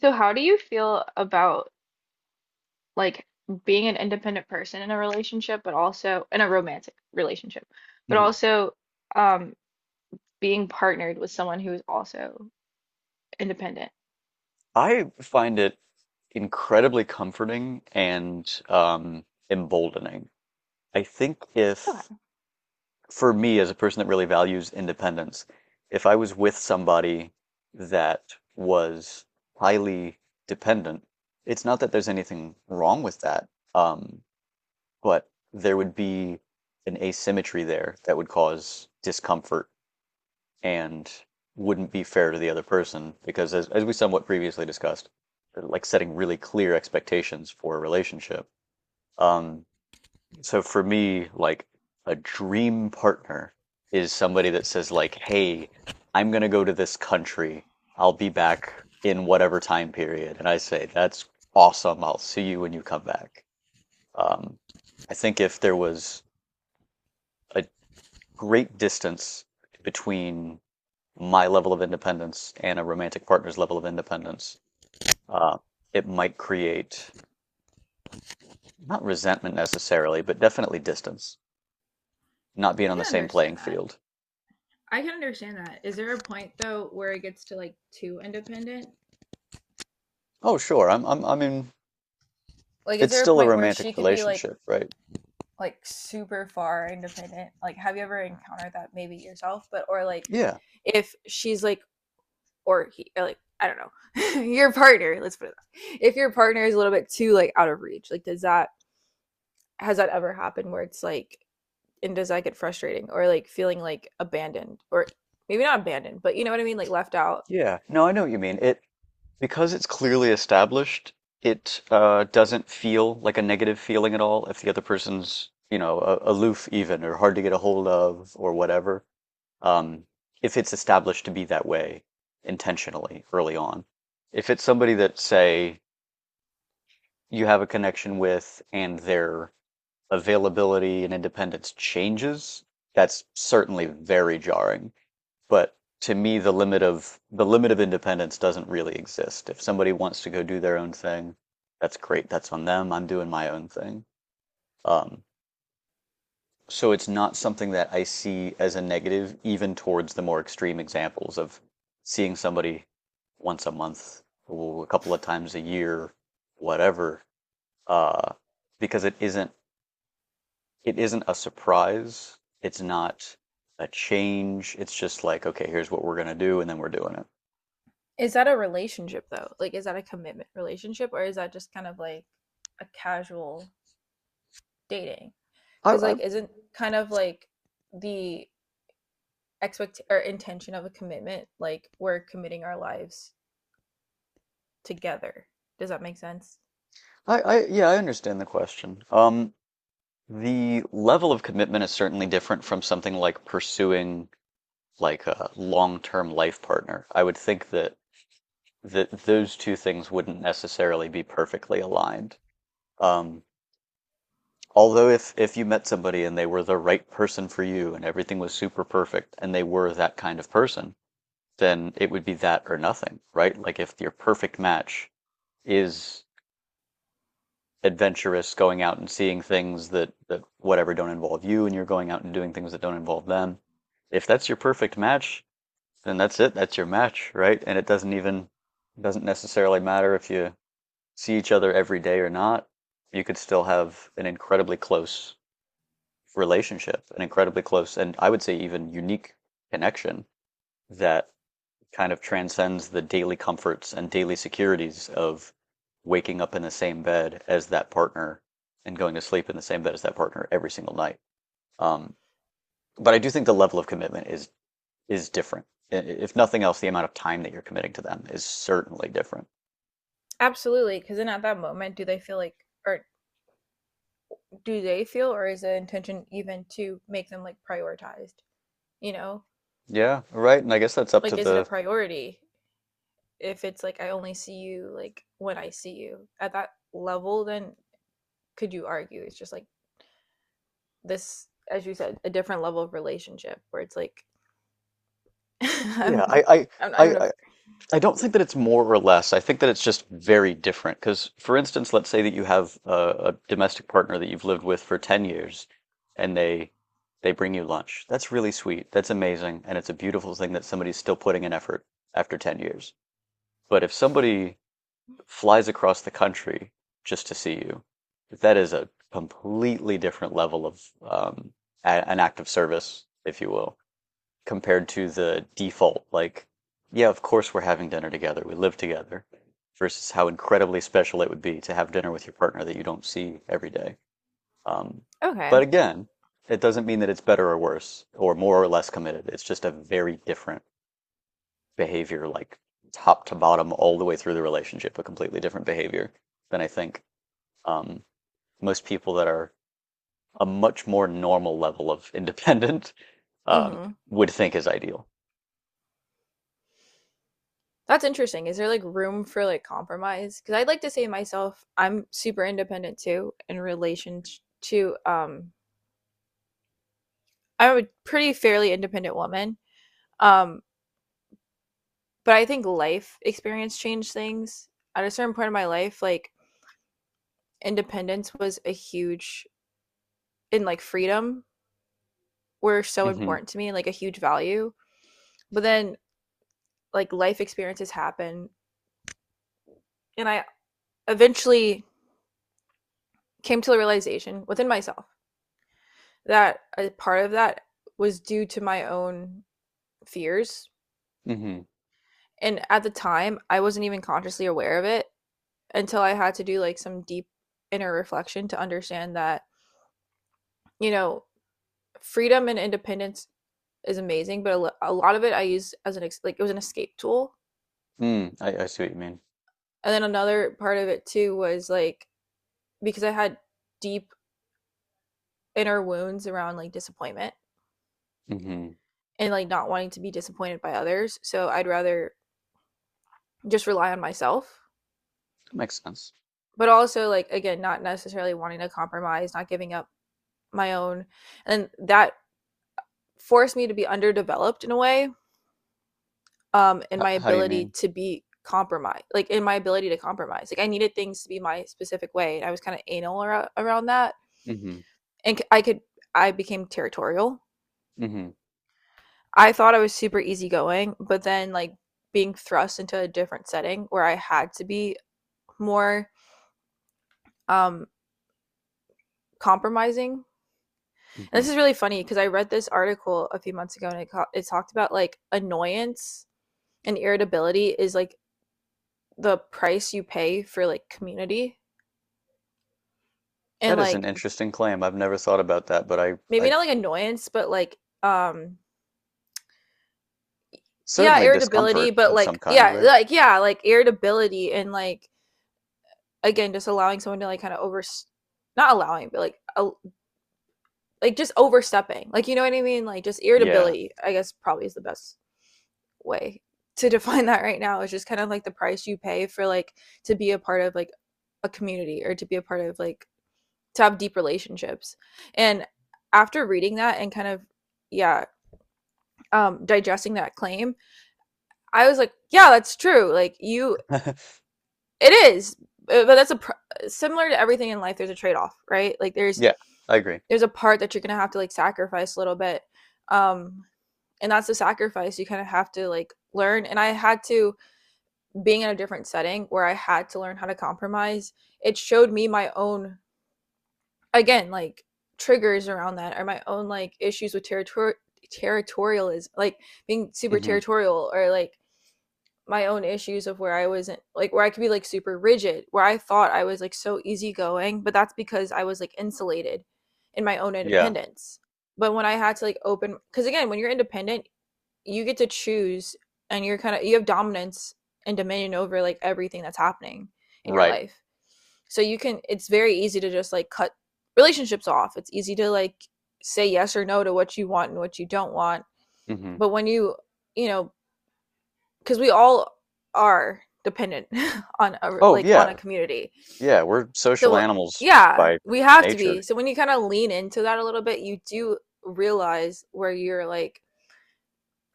So how do you feel about, like, being an independent person in a relationship, but also in a romantic relationship, but Mhm. also um being partnered with someone who is also independent? I find it incredibly comforting and emboldening. I think if, Okay. for me as a person that really values independence, if I was with somebody that was highly dependent, it's not that there's anything wrong with that, um, but there would be an asymmetry there that would cause discomfort and wouldn't be fair to the other person because as we somewhat previously discussed, like setting really clear expectations for a relationship. Um so for me, like a dream partner is somebody that says, like, hey, I'm going to go to this country, I'll be back in whatever time period, and I say that's awesome, I'll see you when you come back. um I think if there was a great distance between my level of independence and a romantic partner's level of independence, uh, it might create not resentment necessarily, but definitely distance, not being I on can the same playing understand that. field. I can understand that. Is there a point though where it gets to, like, too independent? Oh, sure, I mean, Like, is it's there a still a point where she romantic could be relationship, right? like super far independent? Like, have you ever encountered that maybe yourself? But or like, Yeah, if she's like or he or like I don't know your partner. Let's put it. That. Way. If your partner is a little bit too like out of reach, like does that has that ever happened where it's like and does that get frustrating or like feeling like abandoned or maybe not abandoned, but what I mean, like left out. yeah. No, I know what you mean. It because it's clearly established, it doesn't feel like a negative feeling at all if the other person's, you know, aloof even or hard to get a hold of or whatever. um, if it's established to be that way intentionally early on. If it's somebody that, say, you have a connection with and their availability and independence changes, that's certainly very jarring. But to me, the limit of independence doesn't really exist. If somebody wants to go do their own thing, that's great. That's on them. I'm doing my own thing. Um, So it's not something that I see as a negative, even towards the more extreme examples of seeing somebody once a month or a couple of times a year, whatever, uh, because it isn't a surprise. It's not a change. It's just like, okay, here's what we're gonna do, and then we're doing it. Is that a relationship though? Like is that a commitment relationship or is that just kind of like a casual dating? I, Cuz I, like isn't kind of like the expect or intention of a commitment like we're committing our lives together. Does that make sense? I yeah, I understand the question. The level of commitment is certainly different from something like pursuing like a long-term life partner. I would think that those two things wouldn't necessarily be perfectly aligned. Um, although if you met somebody and they were the right person for you and everything was super perfect and they were that kind of person, then it would be that or nothing, right? Like if your perfect match is adventurous, going out and seeing things that whatever don't involve you, and you're going out and doing things that don't involve them. If that's your perfect match, then that's it. That's your match, right? And it doesn't necessarily matter if you see each other every day or not. You could still have an incredibly close relationship, an incredibly close, and I would say even unique connection that kind of transcends the daily comforts and daily securities of waking up in the same bed as that partner and going to sleep in the same bed as that partner every single night. Um, but I do think the level of commitment is different. If nothing else, the amount of time that you're committing to them is certainly different. Absolutely, because then at that moment, do they feel like, or do they feel, or is the intention even to make them like prioritized? You know, Yeah, right. And I guess that's up to like is it a the— priority if it's like I only see you like when I see you at that level? Then could you argue it's just like this, as you said, a different level of relationship where it's like I'm, yeah, I'm not I even a, I- I don't think that it's more or less. I think that it's just very different. Because, for instance, let's say that you have a domestic partner that you've lived with for 10 years and they bring you lunch. That's really sweet. That's amazing. And it's a beautiful thing that somebody's still putting in effort after 10 years. But if somebody flies across the country just to see you. That is a completely different level of um, an act of service, if you will, compared to the default. Like, yeah, of course we're having dinner together. We live together. Versus how incredibly special it would be to have dinner with your partner that you don't see every day. Um, okay. but again, it doesn't mean that it's better or worse or more or less committed. It's just a very different behavior, like top to bottom all the way through the relationship, a completely different behavior than I think, um, most people that are a much more normal level of independent um, Mm-hmm. would think is ideal. That's interesting. Is there like room for like compromise? Because I'd like to say myself, I'm super independent too in relation to I'm a pretty fairly independent woman. Um, but I think life experience changed things. At a certain point in my life, like independence was a huge and like freedom were so Hmm. important to me, like a huge value. But then like life experiences happen and I eventually came to the realization within myself that a part of that was due to my own fears. Hmm. And at the time, I wasn't even consciously aware of it until I had to do like some deep inner reflection to understand that, you know, freedom and independence is amazing, but a lot of it I used as an ex- like it was an escape tool. Mm, I see what you mean. And then another part of it too was like because I had deep inner wounds around like disappointment Hmm. and like not wanting to be disappointed by others. So I'd rather just rely on myself, Makes sense. but also like again, not necessarily wanting to compromise, not giving up my own. And that forced me to be underdeveloped in a way in H- my how do you ability mean? to be compromised like in my ability to compromise like I needed things to be my specific way and I was kind of anal around that Hmm. and I could I became territorial. Hmm. I thought I was super easygoing, but then like being thrust into a different setting where I had to be more um compromising. And this Hmm. is really funny because I read this article a few months ago and it talked about like annoyance and irritability is like the price you pay for like community and That is an like interesting claim, I've never thought about that, but I— maybe I not like annoyance, but like um yeah, certainly— irritability, discomfort but of some like kind, yeah, right? like yeah, like irritability and like again just allowing someone to like kind of over not allowing, but like just overstepping. Like what I mean? Like just Yeah. irritability, I guess probably is the best way to define that right now. Is just kind of like the price you pay for like to be a part of like a community or to be a part of like to have deep relationships. And after reading that and kind of yeah, digesting that claim, I was like, yeah, that's true. Like you, it is, but that's a pr- similar to everything in life. There's a trade off, right? Like there's Yeah, I agree. there's a part that you're gonna have to like sacrifice a little bit, um, and that's the sacrifice you kind of have to like learn. And I had to being in a different setting where I had to learn how to compromise. It showed me my own again like triggers around that or my own like issues with territory territorialism like being super Hmm. territorial or like my own issues of where I wasn't like where I could be like super rigid, where I thought I was like so easygoing, but that's because I was like insulated in my own Yeah, independence. But when I had to like open, because again, when you're independent, you get to choose and you're kind of you have dominance and dominion over like everything that's happening in your right. life. So you can, it's very easy to just like cut relationships off. It's easy to like say yes or no to what you want and what you don't want. Hmm. But when you, you know, because we all are dependent on a Oh, like on a yeah. community, Yeah, we're social so animals yeah by we have to be. nature. So when you kind of lean into that a little bit you do realize where you're like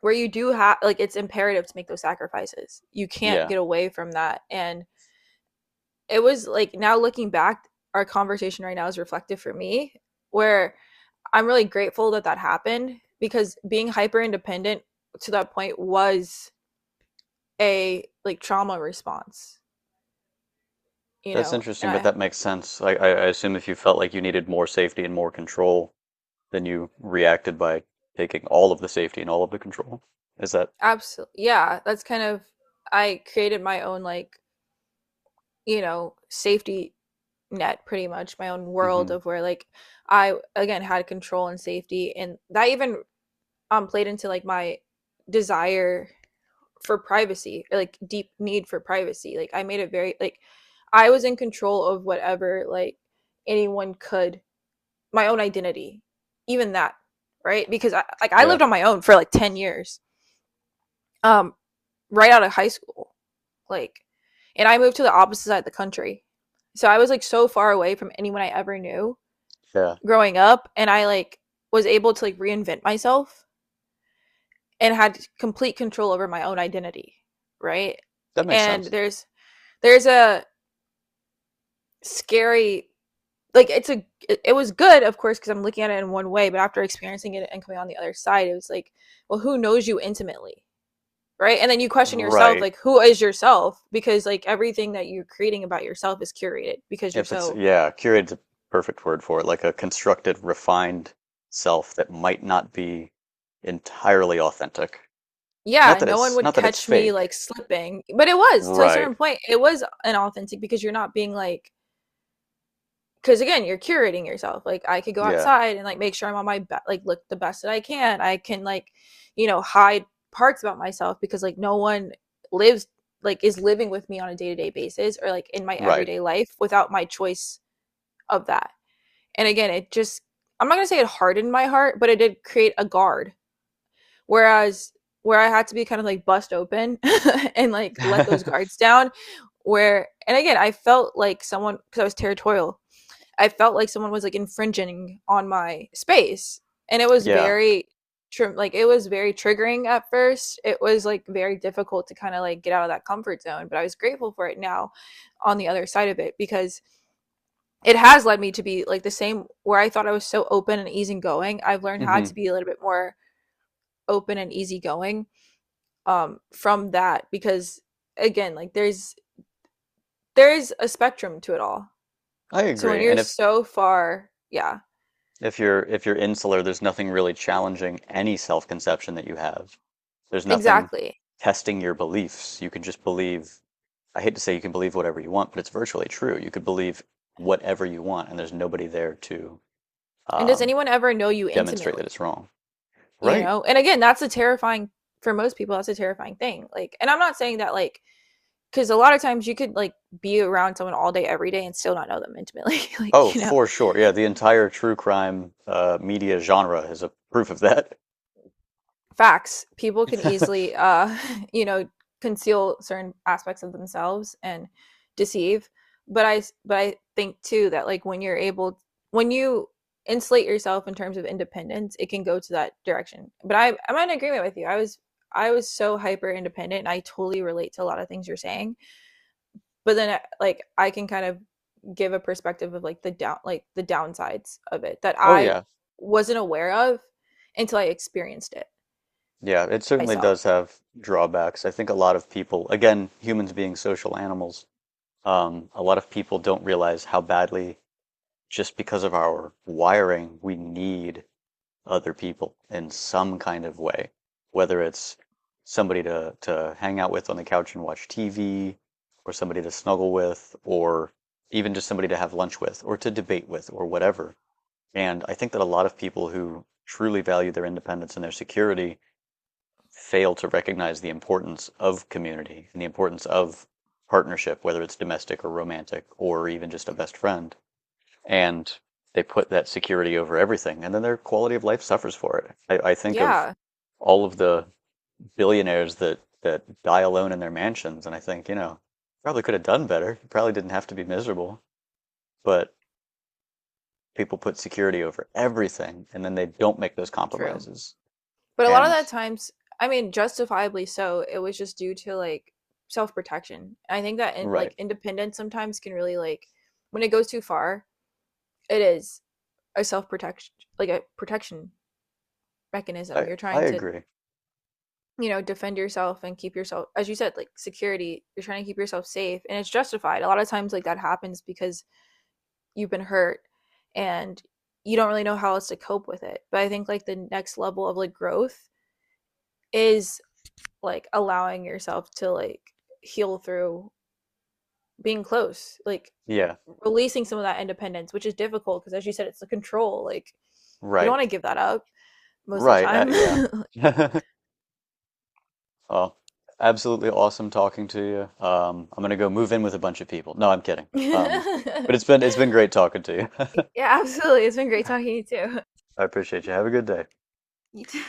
where you do have like it's imperative to make those sacrifices. You can't Yeah. get away from that, and it was like now looking back our conversation right now is reflective for me where I'm really grateful that that happened because being hyper independent to that point was a like trauma response, That's interesting, and but I that makes sense. I assume if you felt like you needed more safety and more control, then you reacted by taking all of the safety and all of the control. Is that? absolutely, yeah, that's kind of, I created my own, like, safety net pretty much, my own world Hmm. of where, like, I, again, had control and safety. And that even played into, like, my desire for privacy, or, like, deep need for privacy. Like, I made it very, like, I was in control of whatever, like, anyone could my own identity even that, right? Because I Yeah. lived on my own for like 10 years um right out of high school, like, and I moved to the opposite side of the country, so I was like so far away from anyone I ever knew Yeah. growing up. And I like was able to like reinvent myself and had complete control over my own identity, right? That makes And sense. there's a scary like it's a it, was good of course because I'm looking at it in one way, but after experiencing it and coming on the other side it was like well who knows you intimately, right? And then you question yourself Right. like who is yourself because like everything that you're creating about yourself is curated because you're If it's, so yeah, curated's a perfect word for it, like a constructed, refined self that might not be entirely authentic. Yeah no one would Not that it's catch me like fake. slipping but it was to a Right. certain point it was inauthentic because you're not being like because again you're curating yourself like I could go Yeah. outside and like make sure I'm on my be- like look the best that I can I can like hide parts about myself because like no one lives like is living with me on a day-to-day basis or like in my Right. everyday life without my choice of that and again it just I'm not going to say it hardened my heart but it did create a guard whereas where I had to be kind of like bust open and like let those guards down where and again I felt like someone because I was territorial I felt like someone was like infringing on my space, and it was Yeah. very like it was very triggering at first. It was like very difficult to kind of like get out of that comfort zone, but I was grateful for it now on the other side of it because it has led me to be like the same where I thought I was so open and easygoing. I've learned how Hmm. to be a little bit more open and easygoing from that because again, like there's a spectrum to it all. I So when agree. you're And so far, yeah, if you're insular, there's nothing really challenging any self-conception that you have. There's nothing exactly. testing your beliefs. You can just believe— I hate to say you can believe whatever you want, but it's virtually true. You could believe whatever you want, and there's nobody there to And does um, anyone ever know you demonstrate that intimately? it's wrong. Right. And again, that's a terrifying for most people. That's a terrifying thing. Like, and I'm not saying that like because a lot of times you could like be around someone all day every day and still not know them intimately. Oh, for sure. Yeah, the entire true crime media genre is a proof of that. facts, people can easily you know conceal certain aspects of themselves and deceive. but I, but I think too that like when you're able when you insulate yourself in terms of independence it can go to that direction but I'm in agreement with you. I was so hyper independent and I totally relate to a lot of things you're saying but then like I can kind of give a perspective of like the down like the downsides of it that Oh I yeah, wasn't aware of until I experienced it yeah, it certainly myself. does have drawbacks. I think a lot of people, again, humans being social animals, a lot of people don't realize how badly, just because of our wiring, we need other people in some kind of way, whether it's somebody to hang out with on the couch and watch TV, or somebody to snuggle with, or even just somebody to have lunch with, or to debate with, or whatever. And I think that a lot of people who truly value their independence and their security fail to recognize the importance of community and the importance of partnership, whether it's domestic or romantic or even just a best friend. And they put that security over everything. And then their quality of life suffers for it. I think of Yeah, all of the billionaires that, die alone in their mansions. And I think, you know, probably could have done better. Probably didn't have to be miserable. But people put security over everything and then they don't make those true. compromises. But a lot of And that times, I mean, justifiably so, it was just due to like self protection. I think that in, right. like independence sometimes can really like when it goes too far, it is a self protection like a protection mechanism. You're I trying to agree. Defend yourself and keep yourself as you said like security you're trying to keep yourself safe and it's justified a lot of times like that happens because you've been hurt and you don't really know how else to cope with it but I think like the next level of like growth is like allowing yourself to like heal through being close like Yeah. releasing some of that independence which is difficult because as you said it's the control like you don't Right. want to give that up most of the Right. time. Yeah. Well, absolutely awesome talking to you. I'm gonna go move in with a bunch of people. No, I'm kidding. Um, but it's been great talking to you. Yeah, absolutely, it's been great talking to you too. I appreciate you. Have a good day. You too.